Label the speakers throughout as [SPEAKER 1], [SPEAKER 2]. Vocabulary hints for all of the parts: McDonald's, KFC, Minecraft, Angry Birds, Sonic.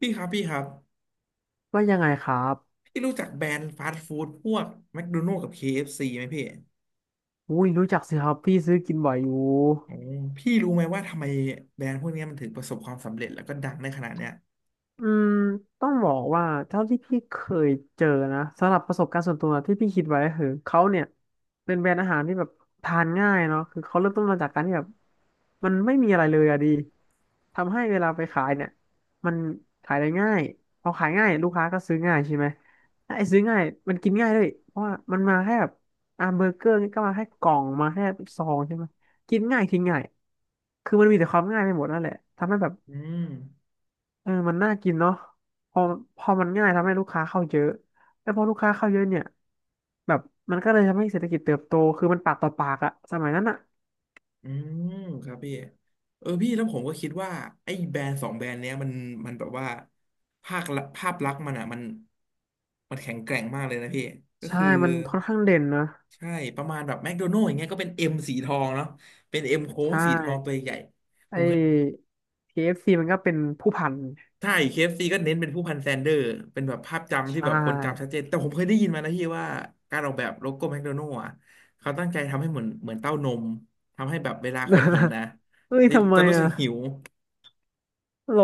[SPEAKER 1] พี่ครับพี่ครับ
[SPEAKER 2] ว่ายังไงครับ
[SPEAKER 1] พี่รู้จักแบรนด์ฟาสต์ฟู้ดพวกแมคโดนัลด์กับ KFC ไหมพี่
[SPEAKER 2] อุ้ยรู้จักสิครับพี่ซื้อกินบ่อยอยู่
[SPEAKER 1] อ๋อพี่รู้ไหมว่าทำไมแบรนด์พวกเนี้ยมันถึงประสบความสำเร็จแล้วก็ดังได้ขนาดเนี้ย
[SPEAKER 2] อืมต้องบอกว่าเท่าที่พี่เคยเจอนะสำหรับประสบการณ์ส่วนตัวที่พี่คิดไว้ก็คือเขาเนี่ยเป็นแบรนด์อาหารที่แบบทานง่ายเนาะคือเขาเริ่มต้นมาจากการที่แบบมันไม่มีอะไรเลยอะดีทำให้เวลาไปขายเนี่ยมันขายได้ง่ายพอขายง่ายลูกค้าก็ซื้อง่ายใช่ไหมถ้าไอ้ซื้อง่ายมันกินง่ายด้วยเพราะว่ามันมาแค่แบบเบอร์เกอร์นี่ก็มาแค่กล่องมาแค่ซองใช่ไหมกินง่ายทิ้งง่ายคือมันมีแต่ความง่ายไปหมดนั่นแหละทำให้แบบ
[SPEAKER 1] อืม
[SPEAKER 2] เออมันน่ากินเนาะพอพอมันง่ายทำให้ลูกค้าเข้าเยอะ แล้วพอลูกค้าเข้าเยอะเนี่ยแบบมันก็เลยทำให้เศรษฐกิจเติบโต คือมันปากต่อปากอะสมัยนั้นอะ
[SPEAKER 1] อืมครับพี่เออพี่แล้วผมก็คิดว่าไอ้แบรนด์สองแบรนด์เนี้ยมันแบบว่าภาคละภาพลักษณ์มันอ่ะมันแข็งแกร่งมากเลยนะพี่ก็
[SPEAKER 2] ใช่
[SPEAKER 1] คือ
[SPEAKER 2] มันค่อนข้างเด่นนะ
[SPEAKER 1] ใช่ประมาณแบบแมคโดนัลด์อย่างเงี้ยก็เป็นเอ็มสีทองเนาะเป็นเอ็มโค้ง
[SPEAKER 2] ใช่
[SPEAKER 1] สีทองตัวใหญ่ผ
[SPEAKER 2] ไอ้
[SPEAKER 1] มเคย
[SPEAKER 2] KFC มันก็เป็นผู้พัน
[SPEAKER 1] ใช่เคเอฟซีก็เน้นเป็นผู้พันแซนเดอร์เป็นแบบภาพจำ
[SPEAKER 2] ใช
[SPEAKER 1] ที่แบบคนจำชัด
[SPEAKER 2] ่
[SPEAKER 1] เจนแต่ผมเคยได้ยินมานะพี่ว่าการออกแบบโลโก้แมคโดนัลด์อะเขาตั้งใจทำให้เหมือนเต้านมทำให้แบบเวลาคนเห็น นะ
[SPEAKER 2] เฮ้ยทำไม
[SPEAKER 1] จะรู้สึ
[SPEAKER 2] อะ
[SPEAKER 1] กหิว
[SPEAKER 2] หรอ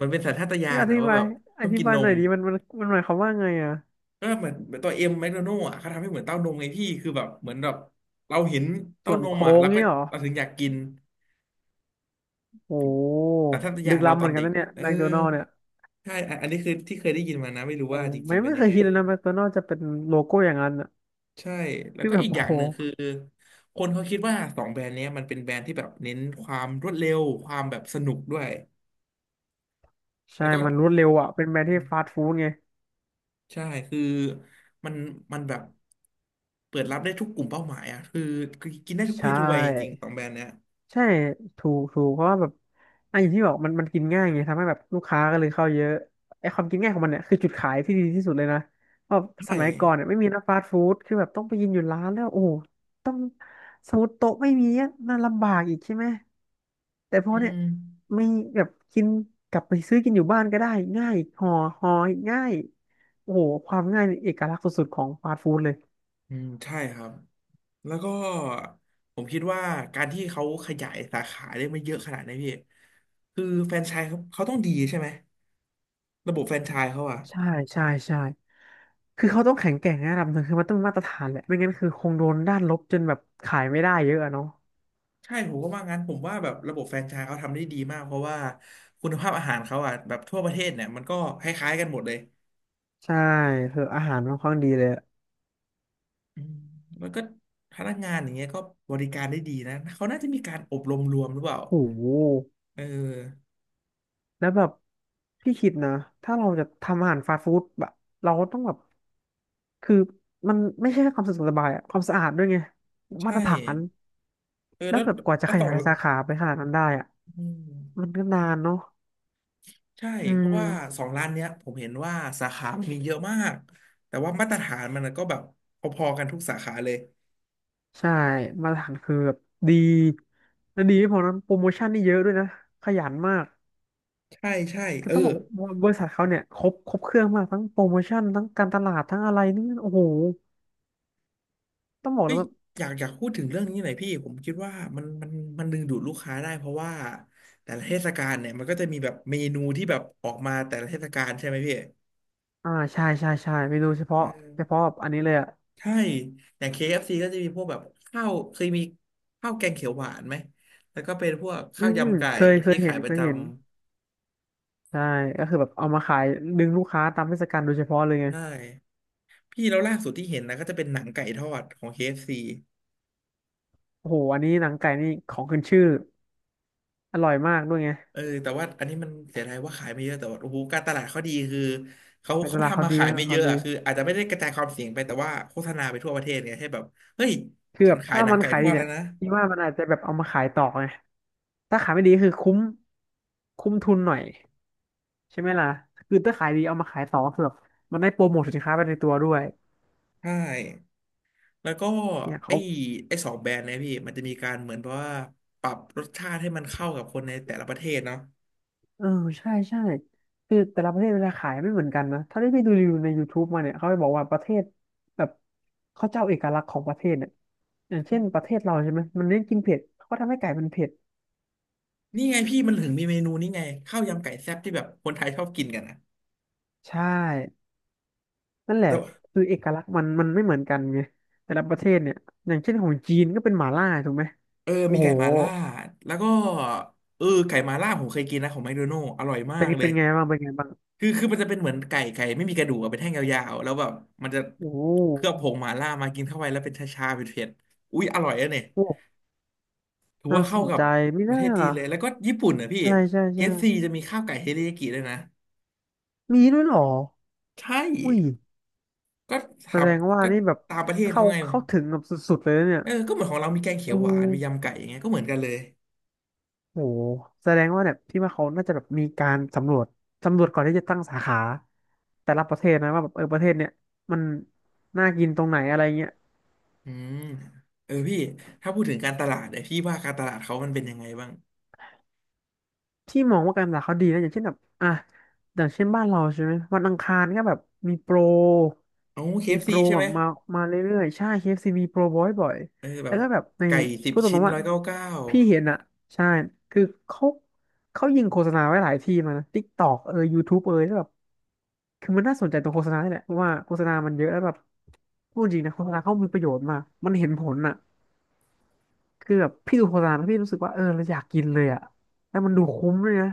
[SPEAKER 1] มันเป็นสัญชาตญา
[SPEAKER 2] นี่
[SPEAKER 1] ณ
[SPEAKER 2] อ
[SPEAKER 1] นะ
[SPEAKER 2] ธิ
[SPEAKER 1] ว่า
[SPEAKER 2] บา
[SPEAKER 1] แบ
[SPEAKER 2] ย
[SPEAKER 1] บต้องกินน
[SPEAKER 2] หน่
[SPEAKER 1] ม
[SPEAKER 2] อยดิมันหมายความว่าไงอะ
[SPEAKER 1] ก็เหมือนตัวเอ็มแมคโดนัลด์อะเขาทำให้เหมือนเต้านมไงพี่คือแบบเหมือนแบบเราเห็นเต้า
[SPEAKER 2] ส่วน
[SPEAKER 1] นม
[SPEAKER 2] โค้
[SPEAKER 1] อะ
[SPEAKER 2] ง
[SPEAKER 1] แล้วก็
[SPEAKER 2] เนี่ยเหรอ
[SPEAKER 1] เราถึงอยากกิน
[SPEAKER 2] โอ้โห
[SPEAKER 1] แต่ทชาตญา
[SPEAKER 2] ลึก
[SPEAKER 1] เรา
[SPEAKER 2] ล้ำ
[SPEAKER 1] ต
[SPEAKER 2] เห
[SPEAKER 1] อ
[SPEAKER 2] มื
[SPEAKER 1] น
[SPEAKER 2] อนกั
[SPEAKER 1] เด็
[SPEAKER 2] น
[SPEAKER 1] ก
[SPEAKER 2] นะเนี่ย
[SPEAKER 1] เออ
[SPEAKER 2] แมคโดนัลด์เนี่ย
[SPEAKER 1] ใช่อันนี้คือที่เคยได้ยินมานะไม่รู้
[SPEAKER 2] โอ้
[SPEAKER 1] ว่าจริ
[SPEAKER 2] ไม่
[SPEAKER 1] งๆเป็น
[SPEAKER 2] ไม่
[SPEAKER 1] ยั
[SPEAKER 2] เค
[SPEAKER 1] ง
[SPEAKER 2] ย
[SPEAKER 1] ไง
[SPEAKER 2] คิดเลยนะแมคโดนัลด์จะเป็นโลโก้อย่างนั้นอ่ะ
[SPEAKER 1] ใช่แล้ว
[SPEAKER 2] ที่
[SPEAKER 1] ก็
[SPEAKER 2] แบ
[SPEAKER 1] อี
[SPEAKER 2] บ
[SPEAKER 1] กอ
[SPEAKER 2] โอ้
[SPEAKER 1] ย่าง
[SPEAKER 2] โห
[SPEAKER 1] หนึ่งคือคนเขาคิดว่าสองแบรนด์เนี้ยมันเป็นแบรนด์ที่แบบเน้นความรวดเร็วความแบบสนุกด้วย
[SPEAKER 2] ใช่
[SPEAKER 1] แล้วก็
[SPEAKER 2] มันรวดเร็วอ่ะเป็นแบรน
[SPEAKER 1] อื
[SPEAKER 2] ด์ที่ฟา
[SPEAKER 1] ม
[SPEAKER 2] สต์ฟู้ดไง
[SPEAKER 1] ใช่คือมันมันแบบเปิดรับได้ทุกกลุ่มเป้าหมายอ่ะคือกินได้ทุกเพ
[SPEAKER 2] ใช่
[SPEAKER 1] ศทุกวัยจริงๆสองแบรนด์เนี้ย
[SPEAKER 2] ใช่ถูกเพราะว่าแบบอ่ะอย่างที่บอกมันกินง่ายไงทำให้แบบลูกค้าก็เลยเข้าเยอะไอ้ความกินง่ายของมันเนี่ยคือจุดขายที่ดีที่สุดเลยนะเพราะส
[SPEAKER 1] ใช่
[SPEAKER 2] มัยก่อนเนี่ยไม่มีนะฟาสต์ฟู้ดคือแบบต้องไปกินอยู่ร้านแล้วโอ้โหต้องสมมติโต๊ะไม่มีอ่ะน่าลำบากอีกใช่ไหมแต่พอ
[SPEAKER 1] อื
[SPEAKER 2] เนี่ย
[SPEAKER 1] ม
[SPEAKER 2] มีแบบกินกลับไปซื้อกินอยู่บ้านก็ได้ง่ายห่อง่ายโอ้โหความง่ายนี่เอกลักษณ์สุดๆของฟาสต์ฟู้ดเลย
[SPEAKER 1] อืมใช่ครับแล้วก็ผมคิดว่าการที่เขาขยายสาขาได้ไม่เยอะขนาดนี้พี่คือแฟรนไชส์เขาต้องดีใช่ไหมระบบแฟรนไชส์เขาอะ
[SPEAKER 2] ใช่ใช่คือเขาต้องแข็งแกร่งในระดับหนึ่งคือมันต้องมีมาตรฐานแหละไม่งั้นคือคงโดนด้านลบจนแบบขายไม่ได้เยอะอะเนาะ
[SPEAKER 1] ใช่ผมก็ว่างั้นผมว่าแบบระบบแฟรนไชส์เขาทำได้ดีมากเพราะว่าคุณภาพอาหารเขาอ่ะแบบทั่วประเทศเนี่ยมันก็คล้ายๆกันหมดเลย
[SPEAKER 2] ใช่คืออาหารค่อนข้างดีเลยอะ
[SPEAKER 1] อืมันก็พนักงานอย่างเงี้ยก็บริการได้ดีนะเขาน่าจะมีการอบรมรวมหรือเปล่า
[SPEAKER 2] โอ้โห
[SPEAKER 1] เออ
[SPEAKER 2] แล้วแบบพี่คิดนะถ้าเราจะทำอาหารฟาสต์ฟู้ดแบบเราก็ต้องแบบคือมันไม่ใช่แค่ความสะดวกสบายอะความสะอาดด้วยไงมา
[SPEAKER 1] ใช่
[SPEAKER 2] ตรฐาน
[SPEAKER 1] เออ
[SPEAKER 2] แล้ว
[SPEAKER 1] แล้ว
[SPEAKER 2] แบบกว่าจะ
[SPEAKER 1] แล้ว
[SPEAKER 2] ข
[SPEAKER 1] สอ
[SPEAKER 2] ยา
[SPEAKER 1] ง
[SPEAKER 2] ยสาขาไปขนาดนั้นได้อะ
[SPEAKER 1] อื
[SPEAKER 2] มัน
[SPEAKER 1] ม
[SPEAKER 2] ก็นานเนาะ
[SPEAKER 1] ใช่
[SPEAKER 2] อื
[SPEAKER 1] เพราะ
[SPEAKER 2] ม
[SPEAKER 1] ว่าสองร้านเนี้ยผมเห็นว่าสาขามันมีเยอะมากแต่ว่ามาตรฐานมันก็แบบพอๆกันทุกสาขาเลย
[SPEAKER 2] ใช่มาตรฐานคือแบบดีและดีไม่พอนะโปรโมชั่นนี่เยอะด้วยนะขยันมาก
[SPEAKER 1] ใช่ใช่
[SPEAKER 2] คือ
[SPEAKER 1] เออ
[SPEAKER 2] ต้องบอกว่าบริษัทเขาเนี่ยครบเครื่องมากทั้งโปรโมชั่นทั้งการตลาดทั้งอะไรนี่โอ้โหต้องบอก
[SPEAKER 1] เอ้
[SPEAKER 2] เลย
[SPEAKER 1] ย
[SPEAKER 2] ว่า
[SPEAKER 1] อยากพูดถึงเรื่องนี้หน่อยพี่ผมคิดว่ามันมันมันดึงดูดลูกค้าได้เพราะว่าแต่ละเทศกาลเนี่ยมันก็จะมีแบบเมนูที่แบบออกมาแต่ละเทศกาลใช่ไหมพี่
[SPEAKER 2] ใช่เมนูเฉ
[SPEAKER 1] เ
[SPEAKER 2] พาะเฉ
[SPEAKER 1] ออ
[SPEAKER 2] พาะอันนี้เลยอ่ะ
[SPEAKER 1] ใช่อย่าง k ซ c ก็จะมีพวกแบบข้าวเคยมีข้าวแกงเขียวหวานไหมแล้วก็เป็นพวก
[SPEAKER 2] อื
[SPEAKER 1] ข้าว
[SPEAKER 2] มอืม
[SPEAKER 1] ยำไก่
[SPEAKER 2] เคยเค
[SPEAKER 1] ที่
[SPEAKER 2] ยเห็
[SPEAKER 1] ขาย
[SPEAKER 2] น
[SPEAKER 1] ประจำ
[SPEAKER 2] ใช่ก็คือแบบเอามาขายดึงลูกค้าตามเทศกาลโดยเฉพาะเลยไง
[SPEAKER 1] ใช่พี่แล้วล่าสุดที่เห็นนะก็จะเป็นหนังไก่ทอดของ KFC
[SPEAKER 2] โอ้โหอันนี้หนังไก่นี่ของขึ้นชื่ออร่อยมากด้วยไง
[SPEAKER 1] เออแต่ว่าอันนี้มันเสียดายว่าขายไม่เยอะแต่ว่าโอ้โหการตลาดเขาดีคือเขา
[SPEAKER 2] การต
[SPEAKER 1] เขา
[SPEAKER 2] ลาด
[SPEAKER 1] ทำ
[SPEAKER 2] เขา
[SPEAKER 1] มา
[SPEAKER 2] ดี
[SPEAKER 1] ขาย
[SPEAKER 2] การต
[SPEAKER 1] ไม่
[SPEAKER 2] ลาด
[SPEAKER 1] เย
[SPEAKER 2] เขา
[SPEAKER 1] อะ
[SPEAKER 2] ดี
[SPEAKER 1] อะคืออาจจะไม่ได้กระจายความเสี่ยงไปแต่ว่าโฆษณาไปทั่วประเทศไงให้แบบเฮ้ย
[SPEAKER 2] คือ
[SPEAKER 1] ฉั
[SPEAKER 2] แบ
[SPEAKER 1] น
[SPEAKER 2] บ
[SPEAKER 1] ขาย
[SPEAKER 2] ถ้า
[SPEAKER 1] หนัง
[SPEAKER 2] มัน
[SPEAKER 1] ไก่
[SPEAKER 2] ขาย
[SPEAKER 1] ทอ
[SPEAKER 2] ดี
[SPEAKER 1] ด
[SPEAKER 2] เนี่
[SPEAKER 1] แล้ว
[SPEAKER 2] ย
[SPEAKER 1] นะ
[SPEAKER 2] พี่ว่ามันอาจจะแบบเอามาขายต่อไงถ้าขายไม่ดีคือคุ้มทุนหน่อยใช่ไหมล่ะคือถ้าขายดีเอามาขายต่อคือแบบมันได้โปรโมทสินค้าไปในตัวด้วย
[SPEAKER 1] ใช่แล้วก็
[SPEAKER 2] เนี่ย
[SPEAKER 1] ไอ้
[SPEAKER 2] เขา
[SPEAKER 1] ไอ้สองแบรนด์เนยพี่มันจะมีการเหมือนแบบว่าปรับรสชาติให้มันเข้ากับคนในแต่ละประเทศเนาะ
[SPEAKER 2] เออใช่คือแต่ละประเทศเวลาขายไม่เหมือนกันนะถ้าได้ไปดูรีวิวใน YouTube มาเนี่ยเขาจะบอกว่าประเทศแบบเขาจะเอาเอกลักษณ์ของประเทศเนี่ยอย่างเช่นประเทศเราใช่ไหมมันเน้นกินเผ็ดเขาก็ทำให้ไก่มันเผ็ด
[SPEAKER 1] นี่ไงพี่มันถึงมีเมนูนี่ไงข้าวยำไก่แซ่บที่แบบคนไทยชอบกินกันนะ
[SPEAKER 2] ใช่ นั่นแหละ
[SPEAKER 1] แต่
[SPEAKER 2] คือเอกลักษณ์มันไม่เหมือนกันไงแต่ละประเทศเนี่ยอย่างเช่นของจีนก็เป็นหม่าล่าถูกไหม
[SPEAKER 1] เออ
[SPEAKER 2] โอ้
[SPEAKER 1] มี
[SPEAKER 2] โห
[SPEAKER 1] ไก่มาล่าแล้วก็เออไก่มาล่าผมเคยกินนะของแมคโดนัลด์อร่อยมา
[SPEAKER 2] เป็น
[SPEAKER 1] กเล
[SPEAKER 2] เป็
[SPEAKER 1] ย
[SPEAKER 2] นไงบ้าง
[SPEAKER 1] คือมันจะเป็นเหมือนไก่ ไม่มีกระดูกอะเป็นแท่งยาวๆแล้วแบบมันจะ
[SPEAKER 2] โอ้โห
[SPEAKER 1] เคลือบผงหมาล่ามากินเข้าไปแล้วเป็นชาๆเผ็ดๆอุ๊ยอร่อยอะเนี่ย
[SPEAKER 2] โอ้
[SPEAKER 1] ถือ
[SPEAKER 2] น่า
[SPEAKER 1] ว่า
[SPEAKER 2] ส
[SPEAKER 1] เข้า
[SPEAKER 2] น
[SPEAKER 1] กับ
[SPEAKER 2] ใจไม่
[SPEAKER 1] ประ
[SPEAKER 2] น่า
[SPEAKER 1] เทศจี
[SPEAKER 2] ล่ะ
[SPEAKER 1] นเลย แล้วก็ญี่ปุ่นนะพี่
[SPEAKER 2] ใช่ใช่
[SPEAKER 1] k
[SPEAKER 2] ใช่
[SPEAKER 1] ซ c จะมีข้าวไก่เทริยากิด้วยนะ
[SPEAKER 2] มีด้วยเหรอ
[SPEAKER 1] ใช่
[SPEAKER 2] อุ้ย
[SPEAKER 1] ก็ท
[SPEAKER 2] แสดงว่า
[SPEAKER 1] ำก็
[SPEAKER 2] นี่แบบ
[SPEAKER 1] ตามประเทศ
[SPEAKER 2] เข้า
[SPEAKER 1] เขาไง
[SPEAKER 2] เข้าถึงแบบสุดๆเลยนะเนี่ย
[SPEAKER 1] เออก็เหมือนของเรามีแกงเขี
[SPEAKER 2] เอ
[SPEAKER 1] ยวหวานมียำ
[SPEAKER 2] อ
[SPEAKER 1] ไก่อย่างเงี้ยก็เหมือนกันเลย
[SPEAKER 2] โหแสดงว่าเนี่ยพี่ว่าเขาน่าจะแบบมีการสำรวจก่อนที่จะตั้งสาขาแต่ละประเทศนะว่าแบบเออประเทศเนี่ยมันน่ากินตรงไหนอะไรเงี้ย
[SPEAKER 1] อืมเออพี่ถ้าพูดถึงการตลาดเนี่ยพี่ว่าการตลาดเขามันเป็นยังไงบ้าง
[SPEAKER 2] ที่มองว่าการศึกษาเขาดีนะอย่างเช่นแบบอ่ะอย่างเช่นบ้านเราใช่ไหมวันอังคารก็แบบมีโปร
[SPEAKER 1] โอ้เคเอฟซีใช่
[SPEAKER 2] แบ
[SPEAKER 1] ไหม
[SPEAKER 2] บมาเรื่อยๆใช่เค f ีมีโปรบ่อย
[SPEAKER 1] เออแบ
[SPEAKER 2] แล้ว
[SPEAKER 1] บ
[SPEAKER 2] ก็แบบใน
[SPEAKER 1] ไก่สิบ
[SPEAKER 2] พูดตร
[SPEAKER 1] ชิ้น
[SPEAKER 2] งๆว่า
[SPEAKER 1] ร้อยเก้าเก้า
[SPEAKER 2] พี่เห็นอ่ะใช่คือเขาเขายิงโฆษณาไว้หลายที่มานะ TikTok เอย YouTube เอยแล้วแบบคือมันน่าสนใจตรงโฆษณานี่แหละเพราะว่าโฆษณามันเยอะแล้วแบบพูดจริงนะโฆษณาเขามีประโยชน์มากมันเห็นผลอ่ะคือแบบพี่ดูโฆษณาแล้วพี่รู้สึกว่าเออเราอยากกินเลยอ่ะแล้วมันดูคุ้มเลยนะ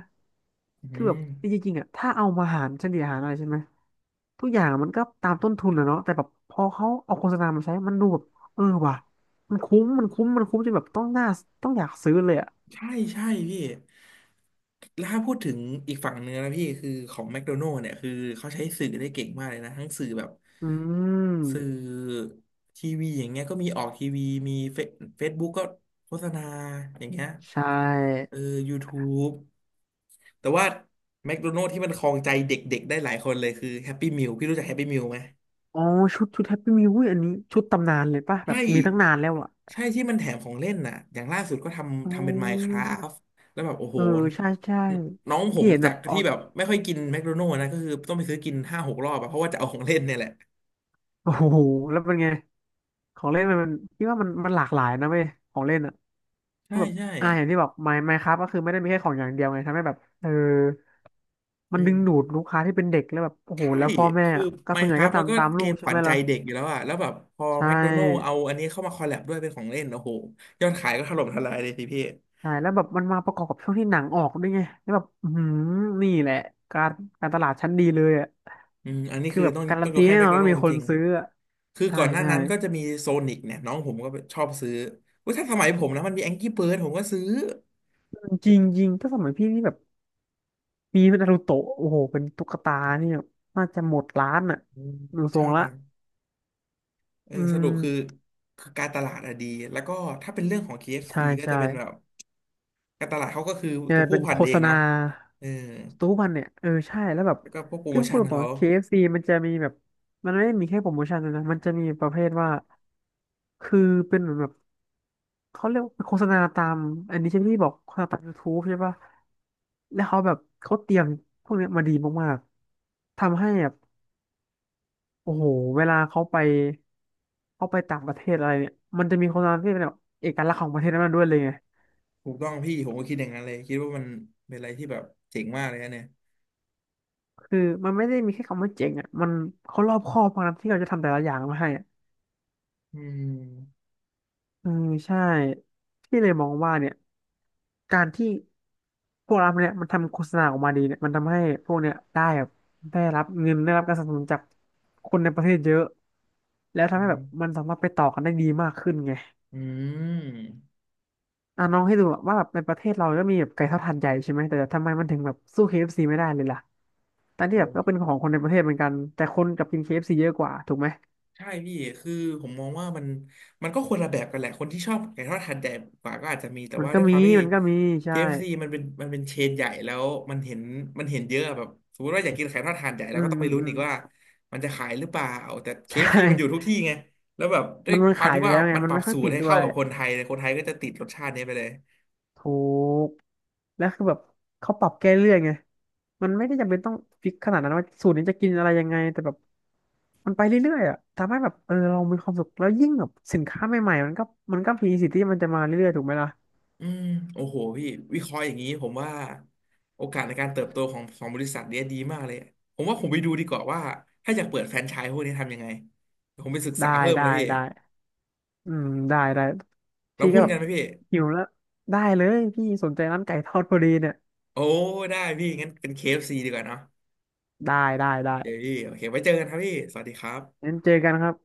[SPEAKER 1] อื
[SPEAKER 2] คือแบ
[SPEAKER 1] ม
[SPEAKER 2] บจริงๆอ่ะถ้าเอามาหารเฉลี่ยหารอะไรใช่ไหมทุกอย่างมันก็ตามต้นทุนอะเนาะแต่แบบพอเขาเอาโฆษณามาใช้มันดูแบบเออว่ะมันคุ้มจนแบบต้องน่าต้องอยากซื้อเลยอ่ะ
[SPEAKER 1] ใช่ใช่พี่ แล้วถ้าพูดถึงอีกฝั่งเนื้อนะพี่คือของแมคโดนัล s เนี่ยคือเขาใช้สื่อได้เก่งมากเลยนะทั้งสื่อแบบ
[SPEAKER 2] อื
[SPEAKER 1] สื่
[SPEAKER 2] ม
[SPEAKER 1] อทีวีอย่างเงี้ยก็มีออกทีวีมีเฟซบุ๊กก็โฆษณาอย่างเงี้ย
[SPEAKER 2] ใช่
[SPEAKER 1] เออ YouTube แต่ว่าแมคโดนัล s ที่มันครองใจเด็กๆได้หลายคนเลยคือแฮปปี้มิ l พี่รู้จักแฮปปี้มิ l ไหม
[SPEAKER 2] อ๋อชุดแฮปปี้มิวอันนี้ชุดตำนานเลยป่ะแบบ
[SPEAKER 1] ใช่
[SPEAKER 2] มีตั้งนานแล้วอ่ะ
[SPEAKER 1] ใช่ที่มันแถมของเล่นน่ะอย่างล่าสุดก็
[SPEAKER 2] อ๋
[SPEAKER 1] ทำเป็น
[SPEAKER 2] อ
[SPEAKER 1] Minecraft แล้วแบบโอ้
[SPEAKER 2] เอ
[SPEAKER 1] โห
[SPEAKER 2] อ
[SPEAKER 1] น
[SPEAKER 2] ใช่ใช่
[SPEAKER 1] น้องผ
[SPEAKER 2] ที่
[SPEAKER 1] ม
[SPEAKER 2] เห็นแบ
[SPEAKER 1] จาก
[SPEAKER 2] บออ
[SPEAKER 1] ที่
[SPEAKER 2] ก
[SPEAKER 1] แบบไม่ค่อยกินแมคโดนัลด์นะก็คือต้องไปซื้อกินห้าหกรอบอะเพราะว่าจะเอาของเล่นเนี่ยแหละ
[SPEAKER 2] โอ้โหแล้วเป็นไงของเล่นมันคิดว่ามันหลากหลายนะเว้ยของเล่นอ่ะ ก็
[SPEAKER 1] ใช่
[SPEAKER 2] แบบ
[SPEAKER 1] ใช่
[SPEAKER 2] อย่างที่บอกไมค์ครับก็คือไม่ได้มีแค่ของอย่างเดียวไงทำให้แบบเออมั
[SPEAKER 1] อื
[SPEAKER 2] นดึงดูด
[SPEAKER 1] ม
[SPEAKER 2] ลูกค้าที่เป็นเด็กแล้วแบบโอ้โห
[SPEAKER 1] ใช่
[SPEAKER 2] แล้วพ่อแม่
[SPEAKER 1] คือ
[SPEAKER 2] อะก็ส่วนใหญ่ก็
[SPEAKER 1] Minecraft
[SPEAKER 2] ตา
[SPEAKER 1] มัน
[SPEAKER 2] ม
[SPEAKER 1] ก็
[SPEAKER 2] ตาม
[SPEAKER 1] เก
[SPEAKER 2] ลูก
[SPEAKER 1] มข
[SPEAKER 2] ใช่
[SPEAKER 1] วั
[SPEAKER 2] ไห
[SPEAKER 1] ญ
[SPEAKER 2] ม
[SPEAKER 1] ใจ
[SPEAKER 2] ล่ะ
[SPEAKER 1] เด็กอยู่แล้วอะแล้วแบบพอ
[SPEAKER 2] ใช่
[SPEAKER 1] แมคโดนัลด์เอาอันนี้เข้ามาคอลแลบด้วยเป็นของเล่นโอ้โหยอดขายก็ถล่มทลายเลยสิพี่
[SPEAKER 2] ใช่แล้วแบบมันมาประกอบกับช่วงที่หนังออกด้วยไงแล้วแบบอืมนี่แหละการการตลาดชั้นดีเลยอ่ะ
[SPEAKER 1] อืมอันนี้
[SPEAKER 2] คือ
[SPEAKER 1] คือ
[SPEAKER 2] แบบ
[SPEAKER 1] ต้อง
[SPEAKER 2] การั
[SPEAKER 1] ต้อ
[SPEAKER 2] น
[SPEAKER 1] งย
[SPEAKER 2] ตี
[SPEAKER 1] กให้
[SPEAKER 2] แน่
[SPEAKER 1] แม
[SPEAKER 2] น
[SPEAKER 1] ค
[SPEAKER 2] อน
[SPEAKER 1] โด
[SPEAKER 2] ว่า
[SPEAKER 1] นัลด์
[SPEAKER 2] มี
[SPEAKER 1] จ
[SPEAKER 2] คน
[SPEAKER 1] ริง
[SPEAKER 2] ซื้ออะ
[SPEAKER 1] คือ
[SPEAKER 2] ใช่
[SPEAKER 1] ก่อนหน้า
[SPEAKER 2] ใช่
[SPEAKER 1] นั้นก็จะมีโซนิกเนี่ยน้องผมก็ชอบซื้อว่าถ้าสมัยผมนะมันมีแองกี้เบิร์ดผมก็ซื้อ
[SPEAKER 2] จริงจริงถ้าสมัยพี่นี่แบบมีเป็นนารูโตะโอ้โหเป็นตุ๊กตานี่แบบน่าจะหมดร้านอ่ะ
[SPEAKER 1] อืม
[SPEAKER 2] ดูทร
[SPEAKER 1] ใช่
[SPEAKER 2] งละ
[SPEAKER 1] เออ
[SPEAKER 2] อื
[SPEAKER 1] สรุปคือ
[SPEAKER 2] ม
[SPEAKER 1] คือการตลาดอะดีแล้วก็ถ้าเป็นเรื่องของเคเอฟ
[SPEAKER 2] ใช่
[SPEAKER 1] ซีก็จะ
[SPEAKER 2] ใช่
[SPEAKER 1] เป็นแบบการตลาดเขาก็คือ
[SPEAKER 2] เนี่
[SPEAKER 1] ตั
[SPEAKER 2] ย
[SPEAKER 1] วผู้
[SPEAKER 2] เป็น
[SPEAKER 1] พั
[SPEAKER 2] โฆ
[SPEAKER 1] นเอ
[SPEAKER 2] ษ
[SPEAKER 1] ง
[SPEAKER 2] ณา
[SPEAKER 1] เนาะเออ
[SPEAKER 2] ทุกวันเนี่ยเออใช่แล้วแบบ
[SPEAKER 1] แล้วก็พวกโปรโม
[SPEAKER 2] พี่พู
[SPEAKER 1] ชั่
[SPEAKER 2] ด
[SPEAKER 1] น
[SPEAKER 2] ตรง
[SPEAKER 1] เขา
[SPEAKER 2] ๆ KFC มันจะมีแบบมันไม่ได้มีแค่โปรโมชั่นด้วยนะมันจะมีประเภทว่าคือเป็นเหมือนแบบเขาเรียกว่าเป็นโฆษณาตามอันนี้ใช่ไหมที่บอกโฆษณาตาม YouTube ใช่ปะแล้วเขาแบบเขาเตรียมพวกเนี้ยมาดีมากๆทำให้แบบโอ้โหเวลาเขาไปเขาไปต่างประเทศอะไรเนี่ยมันจะมีโฆษณาที่เป็นแบบเอกลักษณ์ของประเทศนั้นๆด้วยเลยไง
[SPEAKER 1] ถูกต้องพี่ผมก็คิดอย่างนั้นเลยคิดว่ามันเป็นอะไรที่แบบเจ๋งมากเลยนะเนี่ย
[SPEAKER 2] คือมันไม่ได้มีแค่คำว่าเจ๋งอ่ะมันเขารอบคอบมากนะที่เขาจะทำแต่ละอย่างมาให้
[SPEAKER 1] อืม
[SPEAKER 2] เออใช่ที่เลยมองว่าเนี่ยการที่พวกเราเนี่ยมันทำโฆษณาออกมาดีเนี่ยมันทำให้พวกเนี่ยได้แบบได้รับเงินได้รับการสนับสนุนจากคนในประเทศเยอะแล้ว
[SPEAKER 1] อื
[SPEAKER 2] ทำให้แบ
[SPEAKER 1] ม
[SPEAKER 2] บมันสามารถไปต่อกันได้ดีมากขึ้นไง
[SPEAKER 1] อืม
[SPEAKER 2] อ่ะน้องให้ดูอะว่าแบบในประเทศเราก็มีแบบไก่ทอดหาดใหญ่ใช่ไหมแต่ทำไมมันถึงแบบสู้ KFC ไม่ได้เลยล่ะทั้งที่แบบ
[SPEAKER 1] โห
[SPEAKER 2] ก็เป็นของคนในประเทศเหมือนกันแต่คนกลับกินเคเอฟซีเยอะกว่าถูกไหม
[SPEAKER 1] ใช่พี่คือผมมองว่ามันก็คนละแบบกันแหละคนที่ชอบไก่ทอดหาดใหญ่กว่าก็อาจจะมีแต่
[SPEAKER 2] มัน
[SPEAKER 1] ว่า
[SPEAKER 2] ก็
[SPEAKER 1] ด้วยค
[SPEAKER 2] มี
[SPEAKER 1] วามที่
[SPEAKER 2] มันก็มีใช่
[SPEAKER 1] KFC มันเป็นเชนใหญ่แล้วมันเห็นมันเห็นเยอะแบบสมมติว่าอยากกินไก่ทอดหาดใหญ่แล้
[SPEAKER 2] อื
[SPEAKER 1] วก็
[SPEAKER 2] ม
[SPEAKER 1] ต้อง
[SPEAKER 2] อื
[SPEAKER 1] ไป
[SPEAKER 2] ม
[SPEAKER 1] ลุ้น
[SPEAKER 2] อื
[SPEAKER 1] อี
[SPEAKER 2] ม
[SPEAKER 1] กว่ามันจะขายหรือเปล่าแต่เค เอฟ
[SPEAKER 2] ใช่
[SPEAKER 1] ซีมันอยู่ทุกที่ไงแล้วแบบด้ว
[SPEAKER 2] มั
[SPEAKER 1] ย
[SPEAKER 2] นมัน
[SPEAKER 1] ความ
[SPEAKER 2] ขาย
[SPEAKER 1] ที่
[SPEAKER 2] อยู่
[SPEAKER 1] ว่า
[SPEAKER 2] แล้วไง
[SPEAKER 1] มันป
[SPEAKER 2] มัน
[SPEAKER 1] รับ
[SPEAKER 2] ไม่ค่อ
[SPEAKER 1] สู
[SPEAKER 2] ย
[SPEAKER 1] ต
[SPEAKER 2] ปิ
[SPEAKER 1] ร
[SPEAKER 2] ด
[SPEAKER 1] ให้
[SPEAKER 2] ด้ว
[SPEAKER 1] เข้า
[SPEAKER 2] ย
[SPEAKER 1] กับคนไทยเลยคนไทยก็จะติดรสชาตินี้ไปเลย
[SPEAKER 2] ถูกแล้วคือแบบเขาปรับแก้เรื่อยไงมันไม่ได้จำเป็นต้องฟิกขนาดนั้นว่าสูตรนี้จะกินอะไรยังไงแต่แบบมันไปเรื่อยๆอ่ะทำให้แบบเออเรามีความสุขแล้วยิ่งแบบสินค้าใหม่ๆมันก็มันก็มีสิทธิ์ที่มันจะมาเรื่อยๆถูกไหมล่ะ
[SPEAKER 1] อืมโอ้โหพี่วิเคราะห์อย่างนี้ผมว่าโอกาสในการเติบโตของบริษัทเนี้ยดีมากเลยผมว่าผมไปดูดีกว่าว่าถ้าอยากเปิดแฟรนไชส์พวกนี้ทำยังไงผมไปศึก
[SPEAKER 2] ได้
[SPEAKER 1] ษาเพิ่ม
[SPEAKER 2] ได้
[SPEAKER 1] นะพี่
[SPEAKER 2] ได้อืมได้
[SPEAKER 1] เรา
[SPEAKER 2] พี่ก็
[SPEAKER 1] หุ้น
[SPEAKER 2] แบ
[SPEAKER 1] กั
[SPEAKER 2] บ
[SPEAKER 1] นไหมพี่
[SPEAKER 2] หิวแล้วได้เลยพี่สนใจร้านไก่ทอดพอดีเนี่ย
[SPEAKER 1] โอ้ได้พี่งั้นเป็น KFC ดีกว่าเนาะ
[SPEAKER 2] ได้ได้
[SPEAKER 1] โอ
[SPEAKER 2] ได้
[SPEAKER 1] เคพี่โอเคไว้เจอกันครับพี่สวัสดีครับ
[SPEAKER 2] งั้นเจอกันครับ